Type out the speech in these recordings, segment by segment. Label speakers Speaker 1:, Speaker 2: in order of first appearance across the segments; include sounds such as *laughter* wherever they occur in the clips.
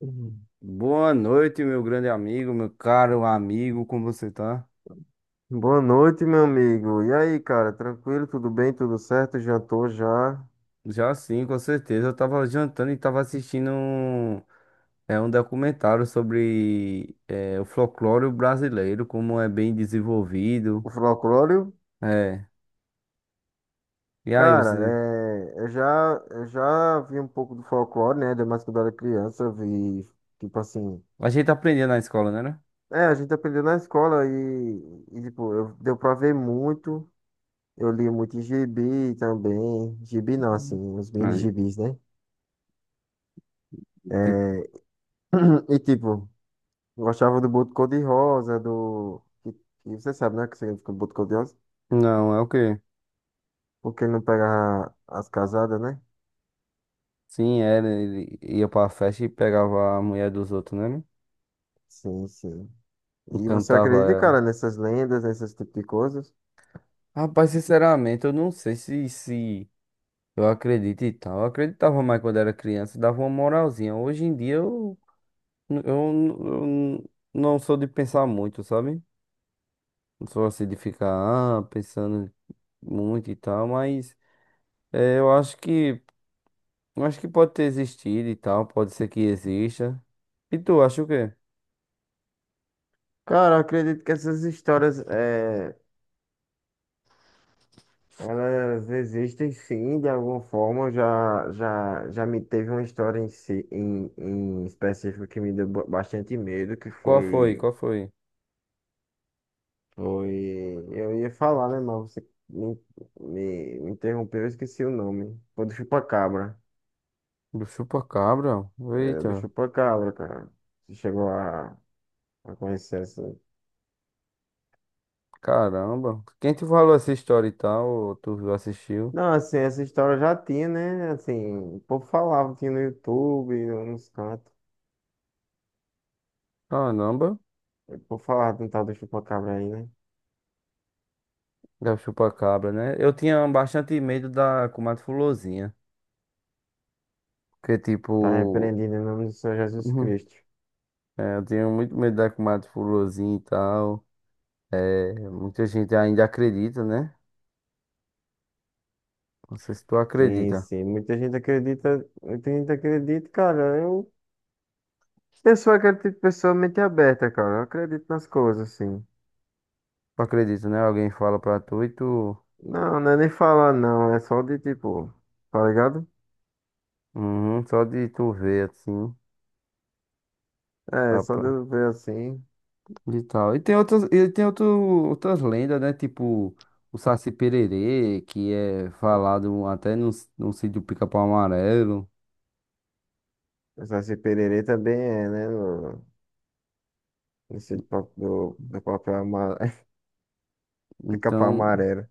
Speaker 1: Uhum.
Speaker 2: Boa noite, meu grande amigo, meu caro amigo, como você tá?
Speaker 1: Boa noite, meu amigo. E aí, cara? Tranquilo? Tudo bem? Tudo certo? Jantou já?
Speaker 2: Já sim, com certeza. Eu tava jantando e tava assistindo um documentário sobre o folclore brasileiro, como é bem desenvolvido.
Speaker 1: O folclore?
Speaker 2: É. E aí,
Speaker 1: Cara,
Speaker 2: você.
Speaker 1: eu já vi um pouco do folclore, né? Ainda mais quando eu era criança, eu vi, tipo assim.
Speaker 2: A gente aprendia na escola, né?
Speaker 1: É, a gente aprendeu na escola e, tipo, eu, deu pra ver muito. Eu li muito gibi também. Gibi não, assim, os mini
Speaker 2: Aí,
Speaker 1: gibis, né? É,
Speaker 2: tipo.
Speaker 1: *clears throat* e, tipo, gostava do Boto Cor-de-Rosa, do. E você sabe, né? O que significa Boto Cor-de-Rosa?
Speaker 2: Não, é o quê?
Speaker 1: Porque não pega as casadas, né?
Speaker 2: Sim, era. Ele ia pra festa e pegava a mulher dos outros, né?
Speaker 1: Sim, sim.
Speaker 2: E
Speaker 1: E você
Speaker 2: cantava
Speaker 1: acredita,
Speaker 2: ela.
Speaker 1: cara, nessas lendas, nesses tipos de coisas?
Speaker 2: Rapaz, sinceramente, eu não sei se. Eu acredito e tal. Eu acreditava mais quando era criança, dava uma moralzinha. Hoje em dia eu, eu não sou de pensar muito, sabe? Não sou assim de ficar pensando muito e tal, mas eh, eu acho que eu acho que pode ter existido e tal, pode ser que exista. E tu, acha o quê?
Speaker 1: Cara, eu acredito que essas histórias, é, elas existem sim, de alguma forma. Eu Já me teve uma história em específico que me deu bastante medo, que
Speaker 2: Qual foi?
Speaker 1: foi,
Speaker 2: Qual foi?
Speaker 1: foi, eu ia falar, né, mas você me interrompeu, eu esqueci o nome. Foi do Chupacabra,
Speaker 2: Do chupa-cabra?
Speaker 1: era do
Speaker 2: Eita,
Speaker 1: Chupacabra, cara. Você chegou a conhecer essa?
Speaker 2: caramba. Quem te falou essa história e tal? Ou tu assistiu?
Speaker 1: Não, assim, essa história já tinha, né? Assim, o povo falava, tinha no YouTube, nos cantos.
Speaker 2: Caramba.
Speaker 1: O povo falava de um tal do chupacabra aí, né?
Speaker 2: Da chupa-cabra, né? Eu tinha bastante medo da comadre Fulozinha. Porque,
Speaker 1: Tá
Speaker 2: tipo.
Speaker 1: repreendido em nome do Senhor
Speaker 2: *laughs*
Speaker 1: Jesus
Speaker 2: Uhum,
Speaker 1: Cristo.
Speaker 2: é, eu tinha muito medo da comadre Fulozinha e tal. É, muita gente ainda acredita, né? Não sei se tu
Speaker 1: Sim,
Speaker 2: acredita.
Speaker 1: sim. Muita gente acredita, cara. Eu sou aquele tipo de pessoa mente aberta, cara. Eu acredito nas coisas, assim.
Speaker 2: Tu acredita, né? Alguém fala pra tu e tu.
Speaker 1: Não, não é nem falar, não. É só de tipo, tá ligado?
Speaker 2: Uhum, só de tu ver, assim.
Speaker 1: É,
Speaker 2: Dá
Speaker 1: só de
Speaker 2: pra...
Speaker 1: eu ver assim.
Speaker 2: E tal. E tem outras, e tem outro, outras lendas, né? Tipo. O Saci Pererê, que é falado até no sítio Pica-Pau Amarelo.
Speaker 1: Esse pererê também é, né? No, nesse do, do papel amarelo. *laughs* Capa
Speaker 2: Então.
Speaker 1: amarela.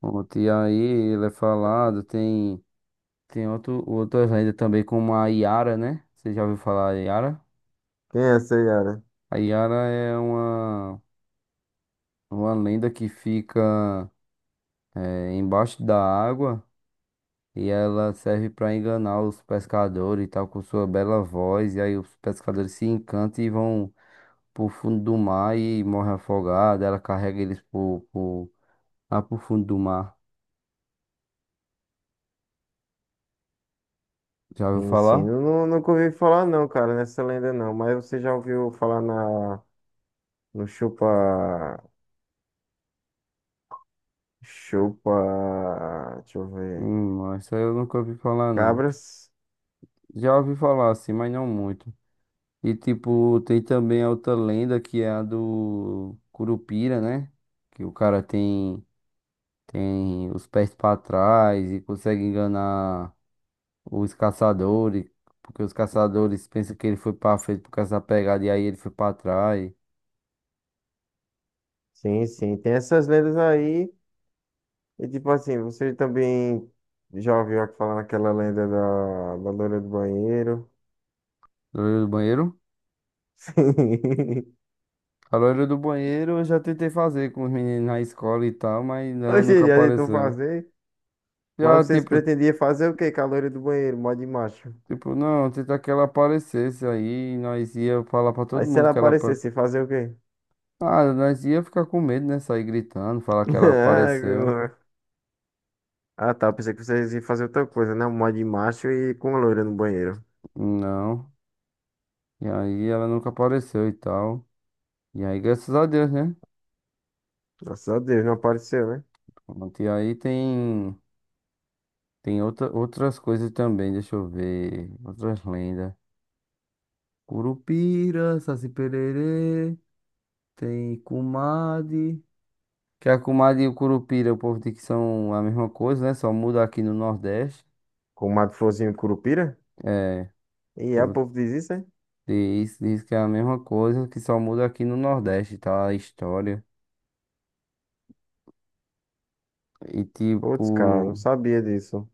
Speaker 2: Ontem e aí ele é falado, outras lendas também, como a Yara, né? Você já ouviu falar a Yara?
Speaker 1: Quem é essa Yara?
Speaker 2: A Yara é uma lenda que fica embaixo da água e ela serve para enganar os pescadores e tal, com sua bela voz. E aí os pescadores se encantam e vão pro fundo do mar e morrem afogados. Ela carrega eles lá pro fundo do mar. Já ouviu
Speaker 1: Sim, sim.
Speaker 2: falar?
Speaker 1: Eu nunca ouvi falar não, cara, nessa lenda não. Mas você já ouviu falar na, no Chupa... Chupa... Deixa eu ver.
Speaker 2: Essa eu nunca ouvi falar, não.
Speaker 1: Cabras?
Speaker 2: Já ouvi falar assim, mas não muito. E tipo, tem também a outra lenda que é a do Curupira, né? Que o cara tem os pés pra trás e consegue enganar os caçadores, porque os caçadores pensam que ele foi pra frente por causa da pegada e aí ele foi pra trás.
Speaker 1: Sim, sim. Tem essas lendas aí. E tipo assim, você também já ouviu falar naquela lenda da, da loira do banheiro?
Speaker 2: Loira do banheiro?
Speaker 1: *laughs* Sim.
Speaker 2: A loira do banheiro eu já tentei fazer com os meninos na escola e tal, mas ela nunca
Speaker 1: Oxe, já tentou
Speaker 2: apareceu.
Speaker 1: fazer.
Speaker 2: Já
Speaker 1: Mas vocês
Speaker 2: tipo.
Speaker 1: pretendiam fazer o quê com a loira do banheiro? Mó de macho.
Speaker 2: Tipo, não, tentar que ela aparecesse aí, nós ia falar pra
Speaker 1: Aí
Speaker 2: todo
Speaker 1: se
Speaker 2: mundo
Speaker 1: ela
Speaker 2: que ela. Apa-.
Speaker 1: aparecesse, fazer o quê?
Speaker 2: Ah, nós ia ficar com medo, né? Sair gritando, falar que ela apareceu.
Speaker 1: *laughs* Ah, Ah, tá. Eu pensei que vocês iam fazer outra coisa, né? Um mod de macho e com a loira no banheiro.
Speaker 2: Não. E aí ela nunca apareceu e tal. E aí, graças a Deus, né?
Speaker 1: Graças a Deus, não apareceu, né?
Speaker 2: Pronto. E aí tem, outras coisas também, deixa eu ver. Outras lendas. Curupira, Saci Pererê, tem Kumade. Que a Kumade e o Curupira, o povo diz que são a mesma coisa, né? Só muda aqui no Nordeste.
Speaker 1: Com o Mato Florzinho Curupira?
Speaker 2: É.
Speaker 1: E é, o povo diz isso, hein?
Speaker 2: Diz que é a mesma coisa, que só muda aqui no Nordeste, tá? A história. E tipo.
Speaker 1: Putz, cara, não sabia disso.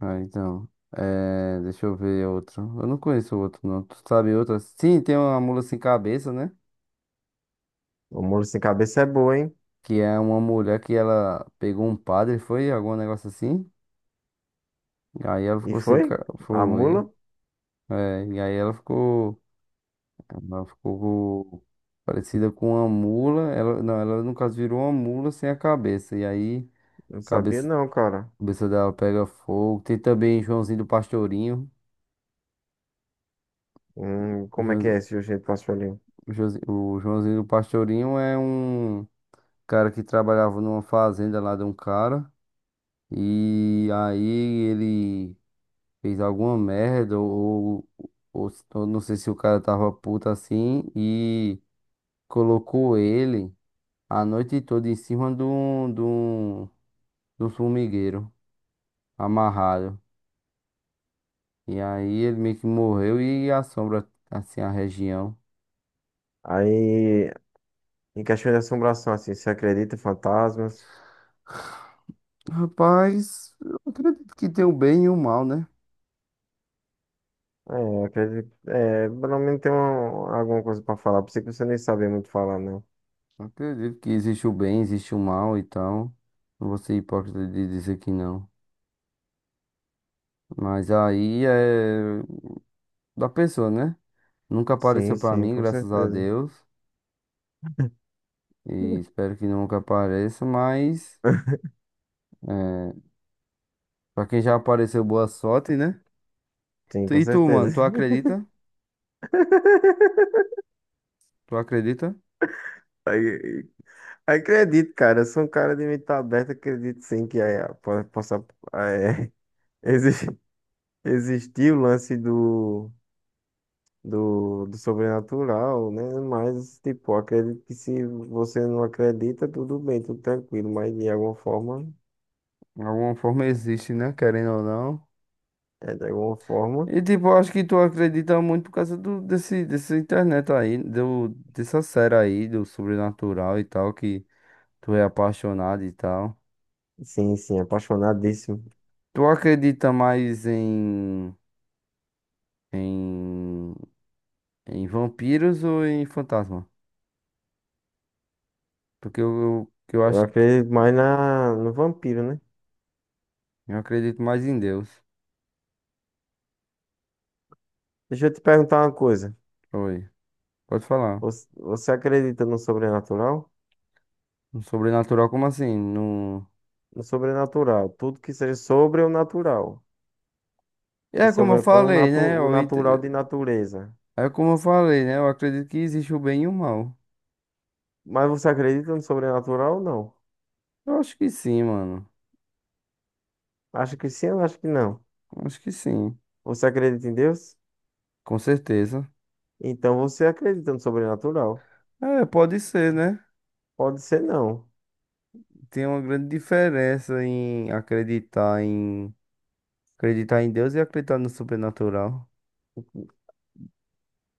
Speaker 2: Ah, então. É, deixa eu ver outro. Eu não conheço outro, não. Tu sabe outra? Sim, tem uma mula sem cabeça, né?
Speaker 1: O mula sem cabeça é boa, hein?
Speaker 2: Que é uma mulher que ela pegou um padre, foi? Algum negócio assim. E aí ela
Speaker 1: E
Speaker 2: ficou sem.
Speaker 1: foi?
Speaker 2: Ca-.
Speaker 1: A mula?
Speaker 2: Foi. É, e aí ela ficou. Ela ficou parecida com uma mula. Ela, não, ela no caso virou uma mula sem a cabeça. E aí.
Speaker 1: Não sabia
Speaker 2: Cabeça.
Speaker 1: não, cara.
Speaker 2: Cabeça dela pega fogo. Tem também Joãozinho do Pastorinho. O
Speaker 1: Como é que é
Speaker 2: Joãozi-
Speaker 1: esse jeito pastorinho?
Speaker 2: o Joãozinho do Pastorinho é um cara que trabalhava numa fazenda lá de um cara. E aí ele fez alguma merda, ou não sei se o cara tava puto assim, e colocou ele a noite toda em cima de um formigueiro, amarrado. E aí ele meio que morreu e assombra assim a região.
Speaker 1: Aí, em questão de assombração, assim, você acredita em fantasmas?
Speaker 2: Rapaz, eu acredito que tem o bem e o mal, né?
Speaker 1: É, acredito. É, pelo menos tem uma, alguma coisa pra falar. Pensei que você nem sabia muito falar, não.
Speaker 2: Eu acredito que existe o bem, existe o mal e tal. Não vou ser hipócrita de dizer que não. Mas aí é da pessoa, né? Nunca apareceu
Speaker 1: Sim,
Speaker 2: pra
Speaker 1: sim,
Speaker 2: mim,
Speaker 1: com
Speaker 2: graças a
Speaker 1: certeza.
Speaker 2: Deus. E
Speaker 1: *laughs*
Speaker 2: espero que nunca apareça, mas é, pra quem já apareceu, boa sorte, né?
Speaker 1: Sim, com
Speaker 2: E tu,
Speaker 1: certeza.
Speaker 2: mano, tu
Speaker 1: *laughs*
Speaker 2: acredita? Tu acredita?
Speaker 1: Aí, aí acredito, cara. Eu sou um cara de mente aberta. Acredito sim que é, possa ah, é, *laughs* exi- existir o lance do, do, do sobrenatural, né? Mas, tipo, acredito que se você não acredita, tudo bem, tudo tranquilo. Mas de alguma forma,
Speaker 2: De alguma forma existe, né? Querendo ou não.
Speaker 1: é, de alguma forma,
Speaker 2: E tipo, eu acho que tu acredita muito por causa dessa internet aí, dessa série aí, do sobrenatural e tal, que tu é apaixonado e tal.
Speaker 1: sim, sim, apaixonadíssimo.
Speaker 2: Tu acredita mais em, em vampiros ou em fantasma? Porque que eu
Speaker 1: Eu
Speaker 2: acho que
Speaker 1: acredito mais na, no vampiro, né?
Speaker 2: eu acredito mais em Deus.
Speaker 1: Deixa eu te perguntar uma coisa.
Speaker 2: Oi, pode falar.
Speaker 1: Você, você acredita no sobrenatural?
Speaker 2: No sobrenatural, como assim? No...
Speaker 1: O sobrenatural. Tudo que seja sobre o natural. E
Speaker 2: É como eu
Speaker 1: sobrepõe o,
Speaker 2: falei,
Speaker 1: natu
Speaker 2: né?
Speaker 1: o natural de natureza.
Speaker 2: É como eu falei, né? Eu acredito que existe o bem e o mal.
Speaker 1: Mas você acredita no sobrenatural ou não?
Speaker 2: Eu acho que sim, mano.
Speaker 1: Acha que sim ou acha que não?
Speaker 2: Eu acho que sim.
Speaker 1: Você acredita em Deus?
Speaker 2: Com certeza.
Speaker 1: Então você acredita no sobrenatural.
Speaker 2: É, pode ser, né?
Speaker 1: Pode ser não.
Speaker 2: Tem uma grande diferença em acreditar em Deus e acreditar no sobrenatural.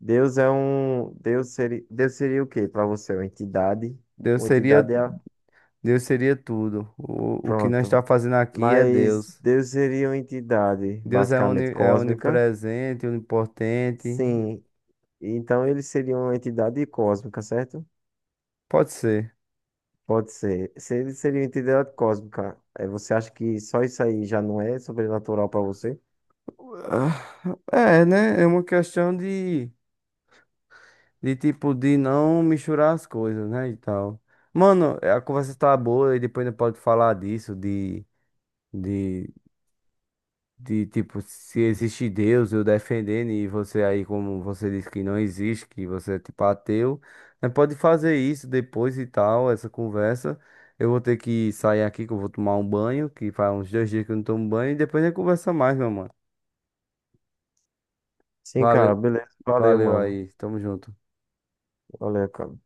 Speaker 1: Deus é um. Deus seria o quê para você? Uma entidade?
Speaker 2: Deus
Speaker 1: Uma
Speaker 2: seria,
Speaker 1: entidade é. A-
Speaker 2: Deus seria tudo. O que nós está
Speaker 1: Pronto.
Speaker 2: fazendo aqui é
Speaker 1: Mas
Speaker 2: Deus.
Speaker 1: Deus seria uma entidade
Speaker 2: Deus é,
Speaker 1: basicamente
Speaker 2: é
Speaker 1: cósmica?
Speaker 2: onipresente, onipotente.
Speaker 1: Sim. Então ele seria uma entidade cósmica, certo?
Speaker 2: Pode ser.
Speaker 1: Pode ser. Seria, seria uma entidade cósmica. É, você acha que só isso aí já não é sobrenatural pra você?
Speaker 2: Ah, é, né? É uma questão de tipo, de não misturar as coisas, né? E tal. Mano, a conversa tá boa e depois não pode falar disso, de. De. De tipo, se existe Deus, eu defendendo, e você aí, como você disse que não existe, que você é tipo ateu, né, pode fazer isso depois e tal, essa conversa. Eu vou ter que sair aqui, que eu vou tomar um banho, que faz uns 2 dias que eu não tomo banho, e depois a gente conversa mais, meu mano.
Speaker 1: Sim, cara,
Speaker 2: Valeu,
Speaker 1: beleza. Valeu,
Speaker 2: valeu
Speaker 1: mano.
Speaker 2: aí, tamo junto.
Speaker 1: Valeu, cara.